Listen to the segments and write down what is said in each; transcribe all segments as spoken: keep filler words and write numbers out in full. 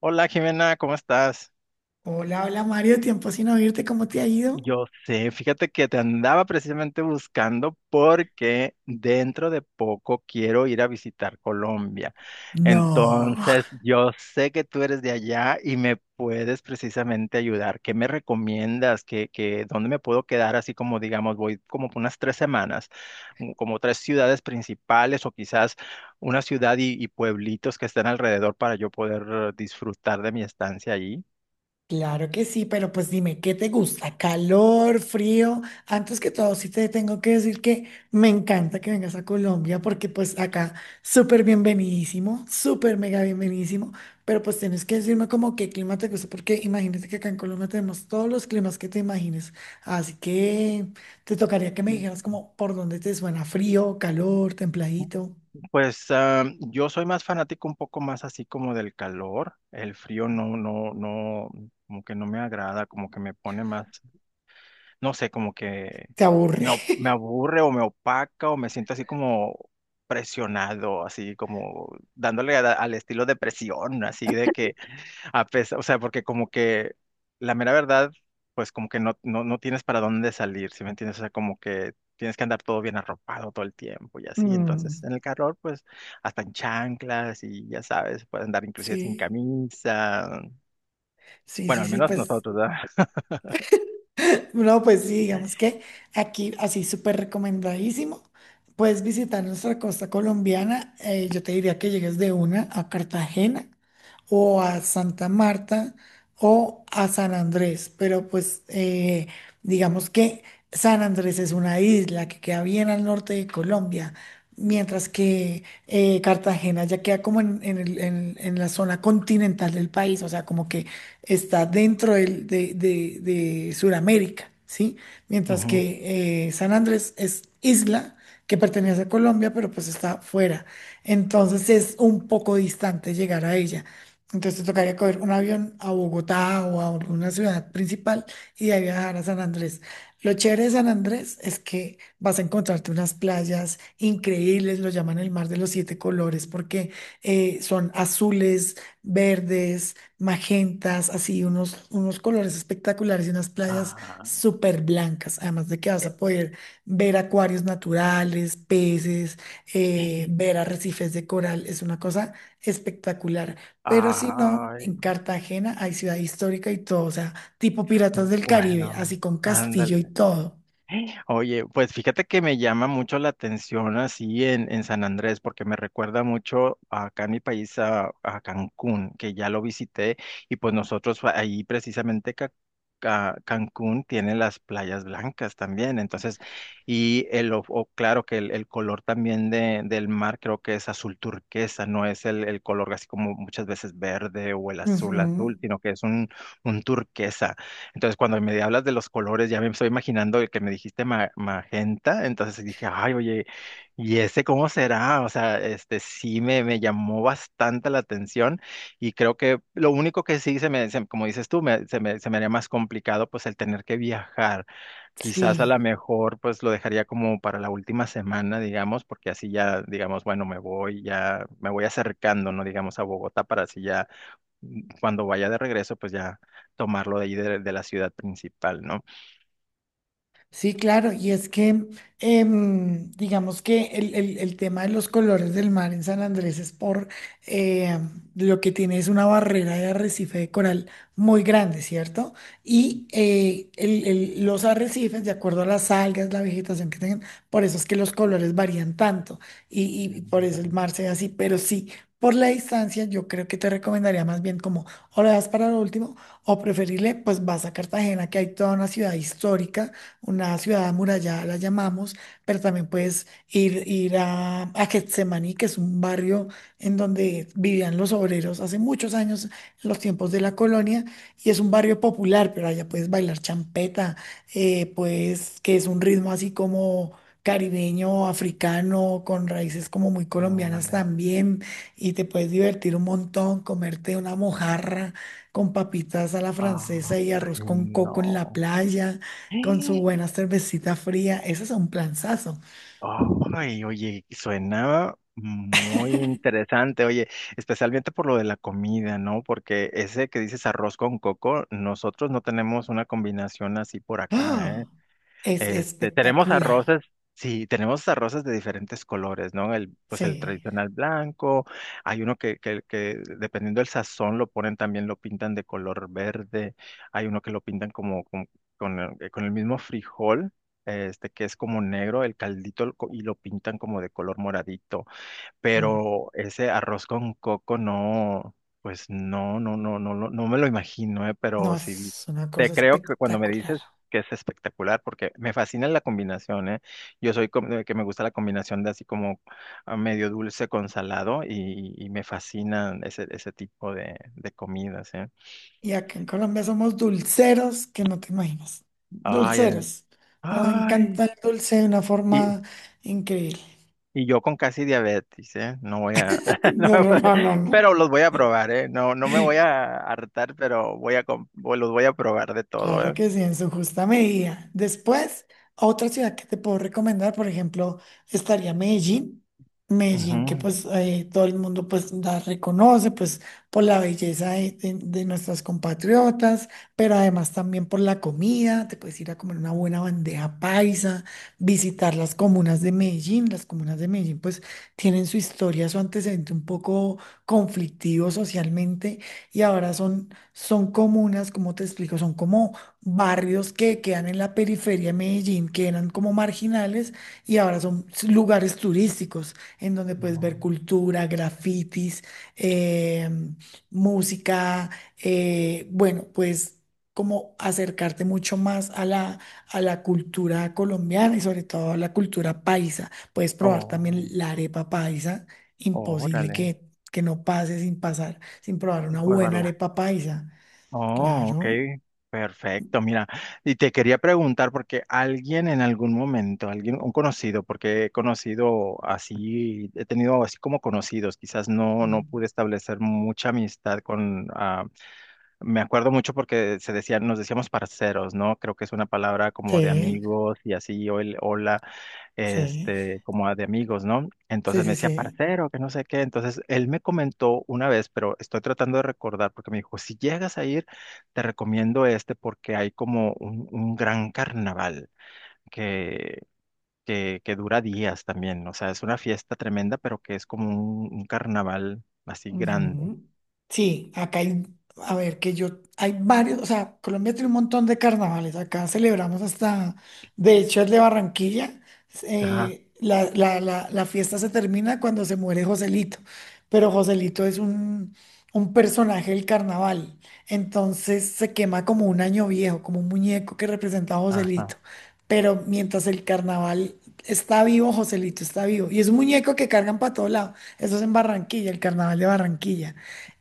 Hola Jimena, ¿cómo estás? Hola, hola Mario, tiempo sin oírte, ¿cómo te ha ido? Yo sé, fíjate que te andaba precisamente buscando porque dentro de poco quiero ir a visitar Colombia. No. Entonces, yo sé que tú eres de allá y me puedes precisamente ayudar. ¿Qué me recomiendas? ¿Qué, qué, dónde me puedo quedar? Así como, digamos, voy como por unas tres semanas, mm, como tres ciudades principales o quizás una ciudad y, y pueblitos que estén alrededor para yo poder eh, disfrutar de mi estancia allí. Claro que sí, pero pues dime, ¿qué te gusta? ¿Calor, frío? Antes que todo, sí te tengo que decir que me encanta que vengas a Colombia porque pues acá súper bienvenidísimo, súper mega bienvenidísimo, pero pues tienes que decirme como qué clima te gusta porque imagínate que acá en Colombia tenemos todos los climas que te imagines, así que te tocaría que me dijeras como por dónde te suena frío, calor, templadito, Pues ah, yo soy más fanático un poco más así como del calor, el frío no, no, no, como que no me agrada, como que me pone más, no sé, como que te aburre. me, o- me aburre o me opaca o me siento así como presionado, así como dándole a- al estilo de presión, así de que a pesar, o sea, porque como que la mera verdad, pues como que no, no, no tienes para dónde salir, ¿sí me entiendes? O sea, como que tienes que andar todo bien arropado todo el tiempo y así. Entonces, Mm. en el calor, pues hasta en chanclas y ya sabes, puedes andar inclusive sin Sí, camisa. sí, Bueno, sí, al sí, menos pues, nosotros, ¿verdad? no, pues sí, digamos que aquí, así súper recomendadísimo, puedes visitar nuestra costa colombiana, eh, yo te diría que llegues de una a Cartagena o a Santa Marta o a San Andrés, pero pues eh, digamos que San Andrés es una isla que queda bien al norte de Colombia, mientras que eh, Cartagena ya queda como en, en el- en- en la zona continental del país, o sea, como que está dentro del- de, de, de Sudamérica, ¿sí? Mientras Ujú. que eh, San Andrés es isla que pertenece a Colombia, pero pues está fuera. Entonces es un poco distante llegar a ella. Entonces te tocaría coger un avión a Bogotá o a alguna ciudad principal y de ahí viajar a San Andrés. Lo chévere de San Andrés es que vas a encontrarte unas playas increíbles, lo llaman el mar de los siete colores porque eh, son azules, verdes, magentas, así unos, unos colores espectaculares y unas playas Ah, súper blancas, además de que vas a poder ver acuarios naturales, peces, eh, ver arrecifes de coral, es una cosa espectacular. Pero si no, ay, en Cartagena hay ciudad histórica y todo, o sea, tipo Piratas del Caribe, bueno, así con castillo y ándale. todo. Oye, pues fíjate que me llama mucho la atención así en, en San Andrés, porque me recuerda mucho acá en mi país a, a Cancún, que ya lo visité, y pues nosotros fa- ahí precisamente Ca- Ca- Cancún tiene las playas blancas también, entonces, y el, o- o claro que el, el color también de, del mar creo que es azul turquesa, no es el, el color así como muchas veces verde o el azul Ujú, azul, sino que es un, un turquesa. Entonces, cuando me hablas de los colores, ya me estoy imaginando el que me dijiste ma- magenta, entonces dije, ay, oye, ¿y ese cómo será? O sea, este sí me, me llamó bastante la atención y creo que lo único que sí se me, se- como dices tú, me- se me, se me haría más complicado pues el tener que viajar. Quizás a lo sí. mejor pues lo dejaría como para la última semana, digamos, porque así ya, digamos, bueno, me voy, ya me voy acercando, ¿no? Digamos, a Bogotá para así ya cuando vaya de regreso, pues ya tomarlo de ahí de, de la ciudad principal, ¿no? Sí, claro, y es que em, digamos que el, el- el tema de los colores del mar en San Andrés es por eh, lo que tiene es una barrera de arrecife de coral muy grande, ¿cierto? Y eh, el- el- los arrecifes, de acuerdo a las algas, la vegetación que tengan, por eso es que los colores varían tanto y, y- y por eso Ándale, el mar se ve así, pero sí. Por la distancia, yo creo que te recomendaría más bien como o lo das para lo último o preferible, pues vas a Cartagena, que hay toda una ciudad histórica una ciudad amurallada, la llamamos, pero también puedes ir, ir a, a Getsemaní, que es un barrio en donde vivían los obreros hace muchos años, en los tiempos de la colonia, y es un barrio popular, pero allá puedes bailar champeta, eh, pues que es un ritmo así como caribeño, africano, con raíces como muy colombianas ándale. también, y te puedes divertir un montón, comerte una mojarra con papitas a la francesa y Ay, arroz con coco en la no. playa con su buena cervecita fría. Eso es un planzazo. Ay, oye, suena muy interesante, oye, especialmente por lo de la comida, ¿no? Porque ese que dices arroz con coco, nosotros no tenemos una combinación así por acá. ¡Ah! Es Este, tenemos espectacular. arroces, sí, tenemos arroces de diferentes colores, ¿no? El, pues el Sí. tradicional blanco, hay uno que, que, que dependiendo del sazón lo ponen también, lo pintan de color verde, hay uno que lo pintan como con, con el, eh, con el mismo frijol, este, que es como negro, el caldito, lo co- y lo pintan como de color moradito, Mm. pero ese arroz con coco no, pues no, no, no, no, lo- no me lo imagino, eh, No, pero sí es una te cosa creo que cuando me espectacular. dices que es espectacular, porque me fascina la combinación, eh. Yo soy como de que me gusta la combinación de así como ah, medio dulce con salado y, y me fascinan ese, ese tipo de, de comidas, eh. Y acá en Colombia somos dulceros que no te imaginas. Ay, eh, Dulceros. Nos encanta ay. el dulce de una forma increíble. Y yo con casi diabetes, ¿eh? No voy a, no No, me no, voy no, a- no, pero los voy a probar, ¿eh? No, no me no. voy a hartar, pero voy a, com- voy- los voy a probar de todo, Claro ¿eh? que sí, en su justa medida. Después, otra ciudad que te puedo recomendar, por ejemplo, estaría Medellín. Medellín, que Ujú. pues eh, todo el mundo pues la reconoce, pues por la belleza de, de- de nuestras compatriotas, pero además también por la comida. Te puedes ir a comer una buena bandeja paisa, visitar las comunas de Medellín. Las comunas de Medellín pues tienen su historia, su antecedente un poco conflictivo socialmente y ahora son son comunas, como te explico, son como barrios que quedan en la periferia de Medellín, que eran como marginales y ahora son s- lugares turísticos en donde puedes ver No. cultura, grafitis, eh, música, eh, bueno, pues como acercarte mucho más a la, a la cultura colombiana y sobre todo a la cultura paisa. Puedes probar también Oh, la arepa paisa, imposible órale, que, que no pase sin pasar sin probar sí una puedo buena verla. arepa paisa. Oh, ok, Claro. perfecto, mira. Y te quería preguntar porque alguien en algún momento, alguien, un conocido, porque he conocido así, he tenido así como conocidos, quizás no, no Mm. pude establecer mucha amistad con ah. Me acuerdo mucho porque se decían, nos decíamos parceros, ¿no? Creo que es una palabra como de Sí, amigos y así, o el hola, sí, este, como de amigos, ¿no? sí, Entonces me sí, decía sí. parcero, que no sé qué. Entonces él me comentó una vez, pero estoy tratando de recordar porque me dijo, si llegas a ir, te recomiendo este porque hay como un, un gran carnaval que, que, que dura días también. O sea, es una fiesta tremenda, pero que es como un, un carnaval así grande. Ujú. Sí, acá hay, a ver, que yo, hay varios, o sea, Colombia tiene un montón de carnavales, acá celebramos hasta, de hecho, el de Barranquilla, Ajá, eh, la, la- la- la fiesta se termina cuando se muere Joselito, pero Joselito es un, un personaje del carnaval, entonces se quema como un año viejo, como un muñeco que representa a Joselito, ajá. pero mientras el carnaval está vivo, Joselito está vivo, y es un muñeco que cargan para todo lado. Eso es en Barranquilla, el carnaval de Barranquilla.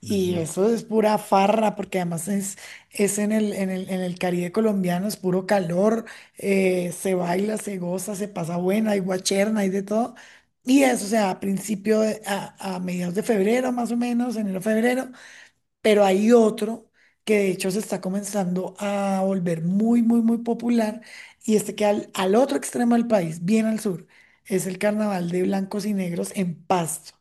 Y eso es pura farra, porque además es, es en el, en el, en el Caribe colombiano, es puro calor, eh, se baila, se goza, se pasa buena, hay guacherna, hay de todo. Y eso, o sea, a principio, de- a, a mediados de febrero más o menos, enero, febrero, pero hay otro que de hecho se está comenzando a volver muy, muy, muy popular, y este que al, al otro extremo del país, bien al sur, es el carnaval de blancos y negros en Pasto.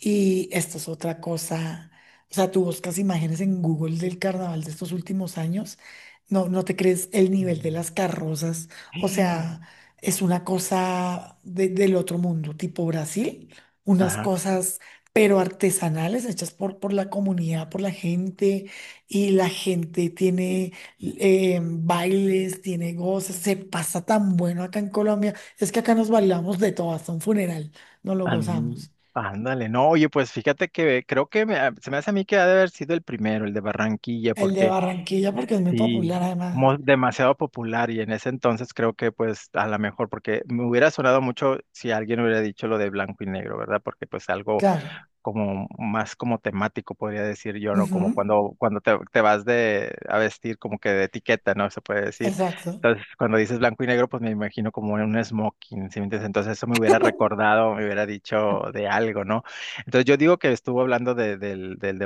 Y esta es otra cosa. O sea, tú buscas imágenes en Google del carnaval de estos últimos años. No, no te crees el nivel de Ujú. las carrozas. O sea, es una cosa de- del otro mundo, tipo Brasil. Unas Ajá. cosas, pero artesanales, hechas por, por la comunidad, por la gente. Y la gente tiene eh, bailes, tiene goces. Se pasa tan bueno acá en Colombia. Es que acá nos bailamos de todo, hasta un funeral. Nos lo An- gozamos. Ándale, no, oye, pues fíjate que creo que me- ah, se me hace a mí que ha de haber sido el primero, el de Barranquilla, El de porque Barranquilla porque es muy sí, popular además. mo- demasiado popular y en ese entonces creo que pues a lo mejor, porque me hubiera sonado mucho si alguien hubiera dicho lo de blanco y negro, ¿verdad? Porque pues algo Claro. como más como temático, podría decir yo, ¿no? Ujú, Como cuando, cuando te, te vas de a vestir como que de etiqueta, ¿no? Se puede decir. exacto. Entonces, cuando dices blanco y negro, pues me imagino como un smoking, ¿sí me entiendes? Entonces eso me hubiera recordado, me hubiera dicho de algo, ¿no? Entonces yo digo que estuvo hablando de- del, del de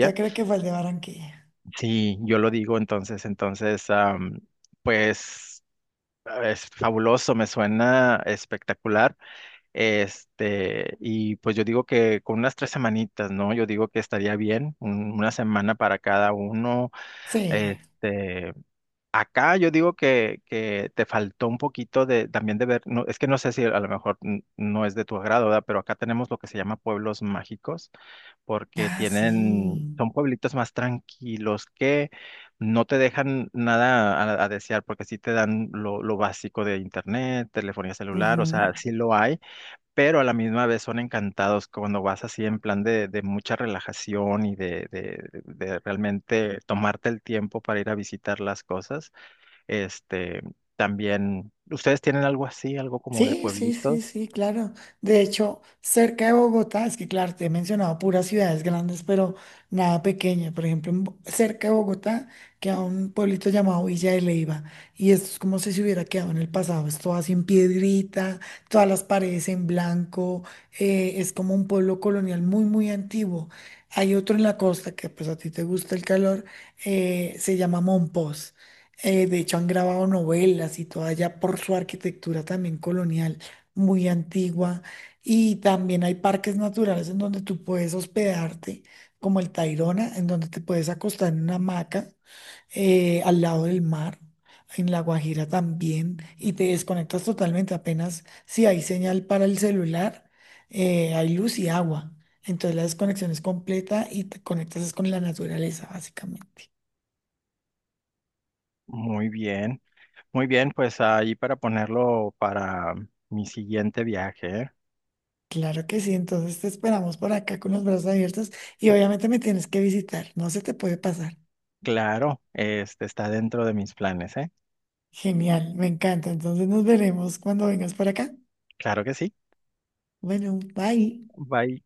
Yo creo que fue el de Barranquilla. Sí, yo lo digo entonces, entonces, am, pues... Es fabuloso, me suena espectacular. Este, y pues yo digo que con unas tres semanitas, ¿no? Yo digo que estaría bien, un- una semana para cada uno. Sí. Este, acá yo digo que, que te faltó un poquito de también de ver, no, es que no sé si a lo mejor n- no es de tu agrado, ¿verdad? Pero acá tenemos lo que se llama pueblos mágicos porque Ah, tienen, sí. son pueblitos más tranquilos que no te dejan nada a, a desear, porque sí te dan lo, lo básico de internet, telefonía celular, o Ujú. sea, sí lo hay, pero a la misma vez son encantados cuando vas así en plan de, de mucha relajación y de, de- de realmente tomarte el tiempo para ir a visitar las cosas. Este, también, ¿ustedes tienen algo así, algo como de Sí, sí, pueblitos? sí, sí, claro. De hecho, cerca de Bogotá, es que claro, te he mencionado puras ciudades grandes, pero nada pequeña. Por ejemplo, en Bo- cerca de Bogotá queda un pueblito llamado Villa de Leyva. Y esto es como si se hubiera quedado en el pasado. Es todo así en piedrita, todas las paredes en blanco. Eh, es como un pueblo colonial muy, muy antiguo. Hay otro en la costa que pues a ti te gusta el calor, eh, se llama Monpós. Eh, de hecho, han grabado novelas y todo allá por su arquitectura también colonial, muy antigua. Y también hay parques naturales en donde tú puedes hospedarte, como el Tayrona, en donde te puedes acostar en una hamaca eh, al lado del mar. En La Guajira también, y te desconectas totalmente. Apenas si hay señal para el celular, eh, hay luz y agua. Entonces la desconexión es completa y te conectas es con la naturaleza, básicamente. Muy bien, muy bien, pues ahí para ponerlo para mi siguiente viaje, ¿eh? Claro que sí, entonces te esperamos por acá con los brazos abiertos y obviamente me tienes que visitar, no se te puede pasar. Claro, este está dentro de mis planes, ¿eh? Genial, me encanta, entonces nos veremos cuando vengas por acá. Claro que sí. Bueno, bye. Bye.